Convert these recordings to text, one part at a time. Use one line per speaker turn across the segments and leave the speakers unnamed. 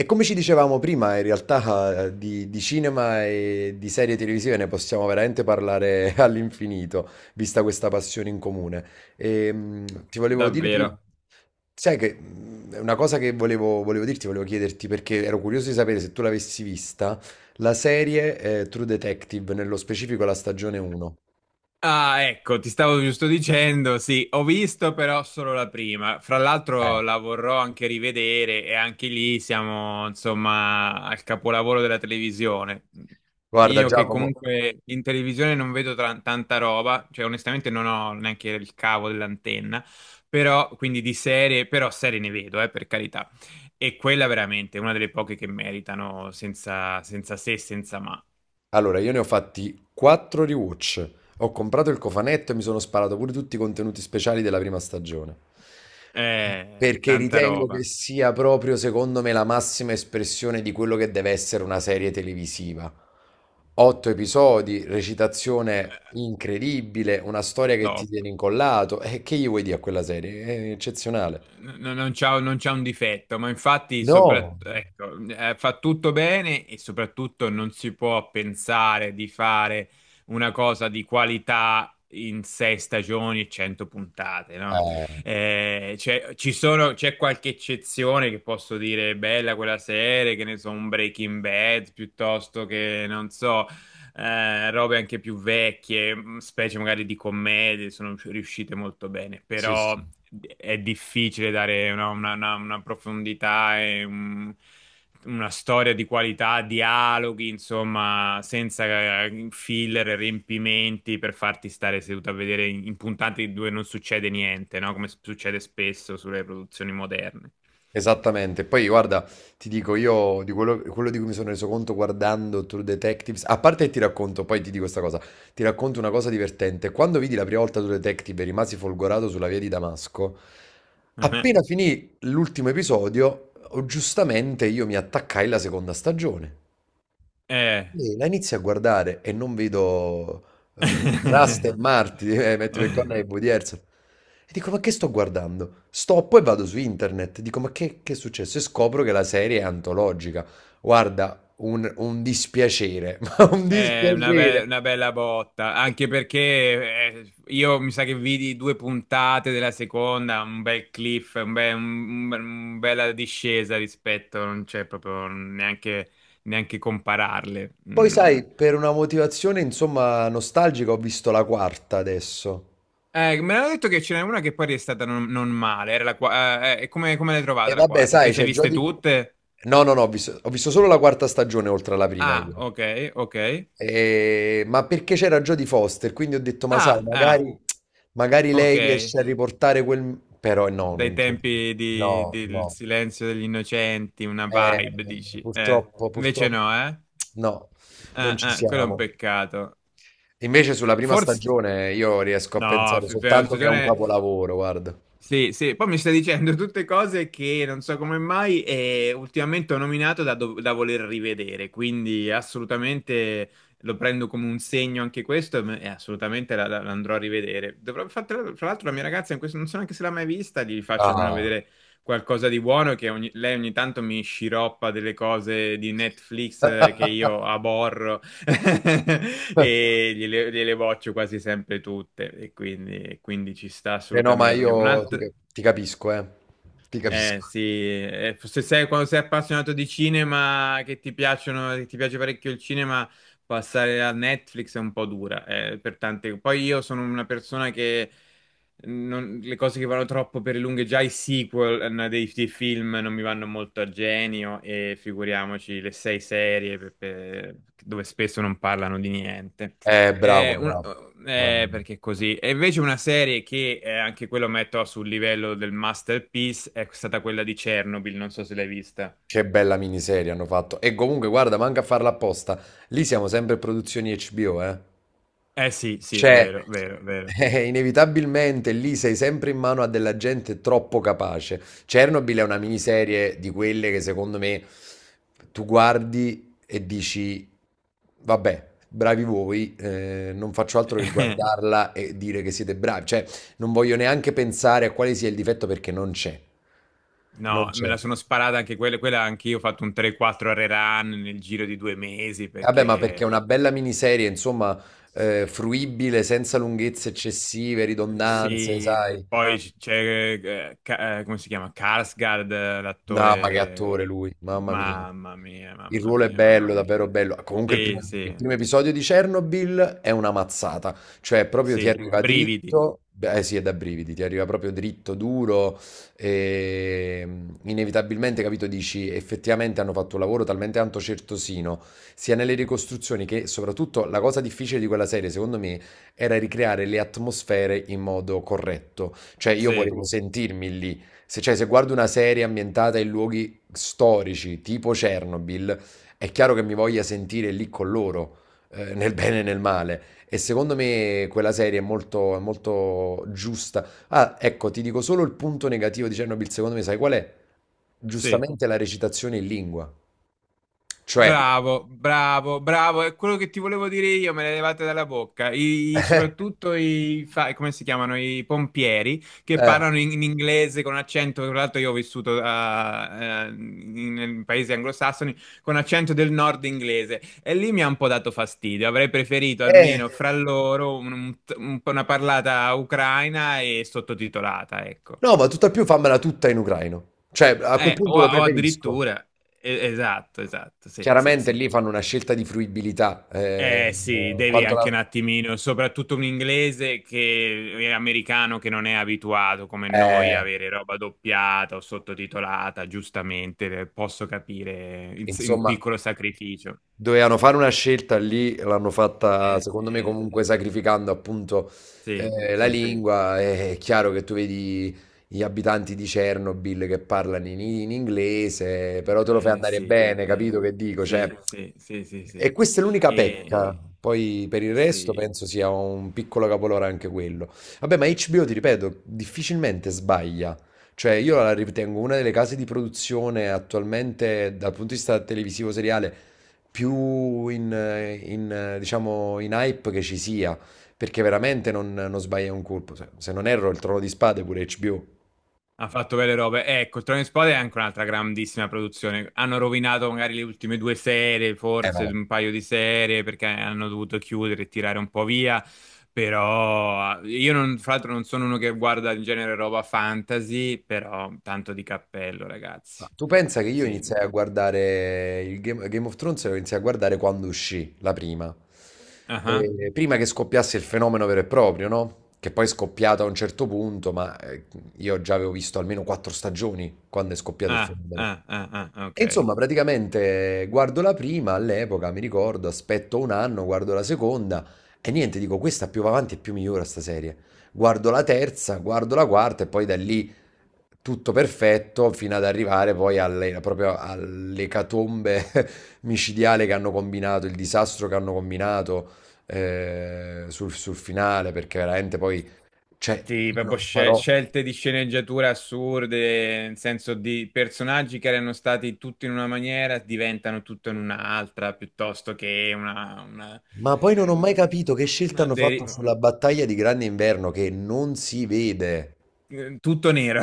E come ci dicevamo prima, in realtà, di cinema e di serie televisive ne possiamo veramente parlare all'infinito, vista questa passione in comune. E, ti volevo dire prima,
Davvero.
sai che è una cosa che volevo dirti, volevo chiederti perché ero curioso di sapere se tu l'avessi vista, la serie, True Detective, nello specifico la stagione 1.
Ah, ecco, ti stavo giusto dicendo, sì, ho visto però solo la prima. Fra
Eh,
l'altro la vorrò anche rivedere e anche lì siamo, insomma, al capolavoro della televisione.
Guarda
Io che
Giacomo,
comunque in televisione non vedo tanta roba, cioè onestamente non ho neanche il cavo dell'antenna, però quindi di serie, però serie ne vedo, per carità. E quella veramente è una delle poche che meritano senza, senza se, senza ma.
allora, io ne ho fatti 4 rewatch. Ho comprato il cofanetto e mi sono sparato pure tutti i contenuti speciali della prima stagione. Perché
Tanta
ritengo che
roba.
sia proprio, secondo me, la massima espressione di quello che deve essere una serie televisiva. Otto episodi, recitazione incredibile, una storia che ti
Top.
tiene incollato. E che gli vuoi dire a quella serie? È eccezionale.
Non c'ha un difetto, ma infatti
No.
ecco, fa tutto bene e soprattutto non si può pensare di fare una cosa di qualità in sei stagioni e 100 puntate, no?
Eh,
C'è qualche eccezione che posso dire bella quella serie, che ne so, un Breaking Bad piuttosto che non so, robe anche più vecchie, specie magari di commedie, sono riuscite molto bene,
sì,
però
sì.
è difficile dare una profondità e una storia di qualità, dialoghi, insomma, senza filler, riempimenti per farti stare seduto a vedere in puntate dove non succede niente, no? Come succede spesso sulle produzioni moderne.
Esattamente. Poi guarda, ti dico io di quello di cui mi sono reso conto guardando True Detectives, a parte che ti racconto, poi ti dico questa cosa, ti racconto una cosa divertente. Quando vidi la prima volta True Detective e rimasi folgorato sulla via di Damasco, appena finì l'ultimo episodio, oh, giustamente io mi attaccai alla seconda stagione.
Eh.
Sì, la inizi a guardare e non vedo Rust e ecco, Marti, metti per corna e Woody Harrelson. E dico, ma che sto guardando? Stoppo e vado su internet. Dico, ma che è successo? E scopro che la serie è antologica. Guarda, un dispiacere, ma un
È una,
dispiacere.
una bella botta, anche perché io mi sa che vidi due puntate della seconda, un bel cliff, un bella discesa rispetto, non c'è proprio neanche, neanche compararle.
Poi
Mm.
sai, per una motivazione, insomma, nostalgica, ho visto la quarta adesso.
Me l'hanno detto che ce n'è una che poi è stata non male, era la come l'hai
E
trovata la
vabbè,
quarta? Te
sai,
le sei
c'è
viste
Jodie.
tutte?
No, no, no, ho visto solo la quarta stagione oltre alla prima
Ah,
io.
ok, ok.
Ma perché c'era Jodie Foster, quindi ho detto: "Ma sai,
Ah, ah,
magari
ok,
lei riesce a riportare quel", però no,
dai
non c'è,
tempi
no,
del
no.
silenzio degli innocenti, una
Eh,
vibe, dici.
purtroppo
Invece
purtroppo
no, eh?
no, non ci
Quello è un
siamo.
peccato.
Invece
Eh,
sulla prima
Forse...
stagione io riesco a
No,
pensare
prima
soltanto che è un
stagione
capolavoro, guarda.
sì, sì, poi mi sta dicendo tutte cose che non so come mai ultimamente ho nominato da voler rivedere, quindi assolutamente lo prendo come un segno anche questo e e assolutamente la andrò a rivedere. Dovrò, fra l'altro la mia ragazza, in questo, non so neanche se l'ha mai vista, gli faccio almeno
Ah.
vedere qualcosa di buono, che lei ogni tanto mi sciroppa delle cose di Netflix che io aborro. E gliele boccio quasi sempre tutte e quindi ci sta
Eh no, ma
assolutamente.
io
Un'altra,
ti capisco, eh. Ti
eh
capisco.
sì, se sei, quando sei appassionato di cinema, che ti piace parecchio il cinema, passare a Netflix è un po' dura, per tante. Poi io sono una persona che le cose che vanno troppo per le lunghe, già i sequel dei film non mi vanno molto a genio e figuriamoci le sei serie dove spesso non parlano di niente.
Bravo,
Eh, un-
bravo. Mamma mia.
Perché così. E invece una serie che anche quello metto sul livello del masterpiece è stata quella di Chernobyl, non so se l'hai vista.
Che bella miniserie hanno fatto. E comunque, guarda, manca a farla apposta. Lì siamo sempre produzioni HBO, eh.
Eh sì, sì,
Cioè,
vero, vero, vero.
inevitabilmente lì sei sempre in mano a della gente troppo capace. Chernobyl è una miniserie di quelle che secondo me tu guardi e dici, vabbè, bravi voi, non faccio altro che guardarla e dire che siete bravi. Cioè, non voglio neanche pensare a quale sia il difetto perché non c'è. Non
No, me
c'è.
la sono sparata anche quella, quella anche io ho fatto un 3-4 rerun nel giro di due mesi
Vabbè, ma ecco, perché
perché
è una bella miniserie, insomma, fruibile, senza lunghezze eccessive, ridondanze,
sì,
sai?
poi c'è, come si chiama? Skarsgård,
No, ma che
l'attore,
attore lui, mamma mia.
mamma mia,
Il
mamma
ruolo è
mia, mamma
bello,
mia.
davvero bello. Comunque il
Sì,
primo, il
sì.
primo episodio di Chernobyl è una mazzata, cioè proprio ti
Sì,
arriva dritto,
brividi.
dritto, beh, eh sì, è da brividi, ti arriva proprio dritto, duro, e inevitabilmente, capito, dici, effettivamente hanno fatto un lavoro talmente tanto certosino, sia nelle ricostruzioni che soprattutto la cosa difficile di quella serie, secondo me, era ricreare le atmosfere in modo corretto. Cioè, io
Sì,
volevo, sì, sentirmi lì. Se, cioè, se guardo una serie ambientata in luoghi storici, tipo Chernobyl, è chiaro che mi voglia sentire lì con loro, nel bene e nel male. E secondo me quella serie è molto giusta. Ah, ecco, ti dico solo il punto negativo di Chernobyl, secondo me, sai qual è?
sì.
Giustamente la recitazione in lingua. Cioè,
Bravo, bravo, bravo. È quello che ti volevo dire io, me le levate dalla bocca. Soprattutto come si chiamano? I pompieri che
eh,
parlano in inglese con accento. Tra l'altro, io ho vissuto in paesi anglosassoni con accento del nord inglese e lì mi ha un po' dato fastidio. Avrei preferito
eh,
almeno
eh,
fra loro un po' una parlata ucraina e sottotitolata, ecco.
no, ma tutt'al più fammela tutta in ucraino. Cioè, a quel punto lo
O
preferisco.
addirittura, esatto, esatto, sì, sì,
Chiaramente
sì.
lì fanno una scelta di fruibilità.
Eh sì, devi
Quanto
anche un
la.
attimino, soprattutto un inglese che è americano che non è abituato come noi
eh,
a avere roba doppiata o sottotitolata, giustamente, posso capire un
insomma.
piccolo sacrificio.
Dovevano fare una scelta lì, l'hanno fatta
Eh,
secondo me comunque
eh,
sacrificando appunto
sì,
eh, la
sì,
lingua. È chiaro che tu vedi gli abitanti di Chernobyl che parlano in inglese, però te lo fai andare
sì,
bene,
sì,
capito che dico? Cioè,
sì, sì, sì, sì,
e
sì.
questa è l'unica pecca.
E-
Poi per il resto
sì.
penso sia un piccolo capolore anche quello. Vabbè, ma HBO, ti ripeto, difficilmente sbaglia. Cioè, io la ritengo una delle case di produzione attualmente, dal punto di vista televisivo seriale, più diciamo, in hype che ci sia. Perché veramente non sbaglia un colpo. Se non erro, il Trono di Spade è pure HBO.
Ha fatto belle robe. Ecco, il Trono di Spade è anche un'altra grandissima produzione. Hanno rovinato magari le ultime due serie,
Eh,
forse
vabbè.
un paio di serie, perché hanno dovuto chiudere e tirare un po' via. Però io, non, fra l'altro, non sono uno che guarda in genere roba fantasy, però tanto di cappello,
Ah,
ragazzi.
tu pensa che io iniziai a
Sì.
guardare il Game of Thrones, lo iniziai a guardare quando uscì la prima.
Ah,
Prima che scoppiasse il fenomeno vero e proprio, no? Che poi è scoppiato a un certo punto, ma io già avevo visto almeno quattro stagioni quando è scoppiato il
ah,
fenomeno.
ah, ah, ah, ah, ok.
E insomma, praticamente guardo la prima all'epoca, mi ricordo, aspetto un anno, guardo la seconda e niente, dico questa più va avanti e più migliora sta serie. Guardo la terza, guardo la quarta e poi da lì tutto perfetto fino ad arrivare poi alle, proprio all'ecatombe micidiale che hanno combinato, il disastro che hanno combinato sul finale, perché veramente poi. Cioè,
Sì, proprio
no.
scelte di sceneggiatura assurde, nel senso di personaggi che erano stati tutti in una maniera, diventano tutto in un'altra, piuttosto che
Ma poi non ho mai
un-
capito che scelta
una
hanno
de-
fatto sulla battaglia di Grande Inverno che non si vede.
tutto nero.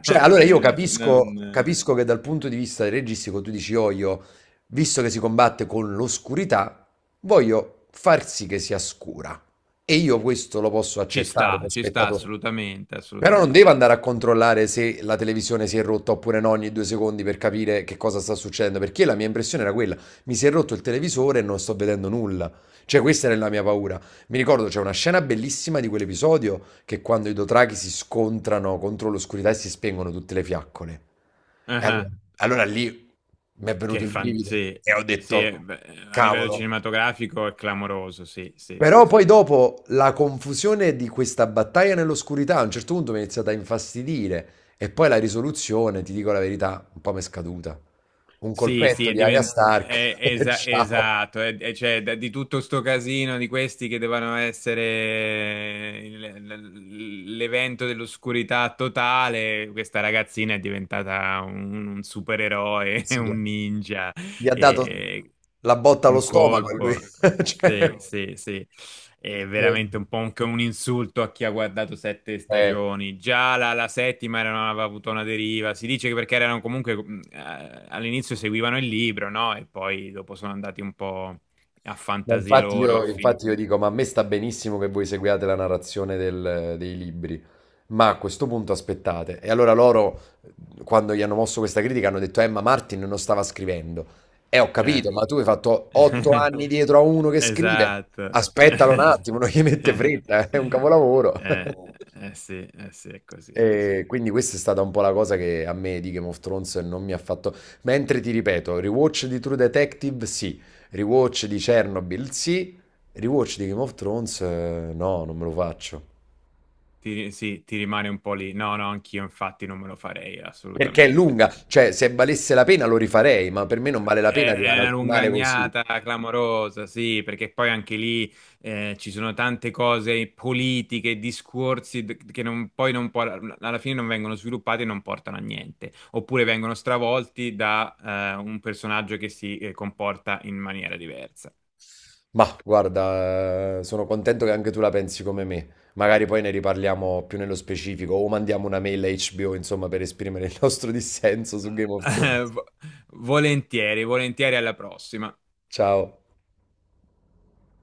Cioè, allora io capisco,
Non-
capisco che dal punto di vista registico tu dici, oh, io, visto che si combatte con l'oscurità, voglio far sì che sia scura. E io questo lo posso
ci
accettare
sta,
da
ci sta
spettatore.
assolutamente,
Però non devo
assolutamente.
andare a controllare se la televisione si è rotta oppure no ogni 2 secondi per capire che cosa sta succedendo, perché la mia impressione era quella, mi si è rotto il televisore e non sto vedendo nulla. Cioè questa era la mia paura. Mi ricordo c'è una scena bellissima di quell'episodio che quando i Dothraki si scontrano contro l'oscurità e si spengono tutte le fiaccole. E allora,
Ah,
allora lì mi è venuto
che
il
fan...
brivido
Sì,
e ho
sì,
detto,
beh, a livello
cavolo.
cinematografico è clamoroso, sì, sì,
Però
sì.
poi dopo la confusione di questa battaglia nell'oscurità a un certo punto mi è iniziata a infastidire e poi la risoluzione, ti dico la verità, un po' mi è scaduta. Un
Sì, sì,
colpetto
è
di Arya
divent-
Stark,
è- esa-
ciao,
esatto, cioè, di tutto sto casino di questi che devono essere l'evento dell'oscurità totale, questa ragazzina è diventata un supereroe, un ninja,
gli ha dato
e
la botta allo
un
stomaco e lui,
colpo. Sì,
cioè.
sì, sì, è veramente un po' anche un insulto a chi ha guardato sette stagioni. Già la settima aveva avuto una deriva. Si dice che perché erano comunque all'inizio seguivano il libro, no? E poi dopo sono andati un po' a
Ma
fantasia
infatti
loro, a
io,
finire.
infatti io dico, ma a me sta benissimo che voi seguiate la narrazione dei libri, ma a questo punto aspettate. E allora loro, quando gli hanno mosso questa critica, hanno detto, ma Martin non stava scrivendo. E ho
Eh.
capito, ma tu hai fatto otto anni dietro a uno che scrive.
Esatto.
Aspettalo un attimo, non gli mette fretta, è un capolavoro.
Eh, sì, eh sì, è così, è così.
E quindi questa è stata un po' la cosa che a me di Game of Thrones non mi ha fatto. Mentre ti ripeto, rewatch di True Detective sì, rewatch di Chernobyl sì, rewatch di Game of Thrones no, non me lo faccio.
Ti, sì, ti rimane un po' lì. No, no, anch'io infatti non me lo farei
Perché è
assolutamente.
lunga, cioè se valesse la pena lo rifarei, ma per me non vale la pena
È è
arrivare
una
al finale così.
lungagnata clamorosa, sì, perché poi anche lì ci sono tante cose politiche, discorsi che non- poi non por- alla fine non vengono sviluppati e non portano a niente, oppure vengono stravolti da un personaggio che si comporta in maniera diversa.
Ma guarda, sono contento che anche tu la pensi come me. Magari poi ne riparliamo più nello specifico o mandiamo una mail a HBO, insomma, per esprimere il nostro dissenso su Game of Thrones.
Vo- Volentieri, volentieri alla prossima.
Ciao.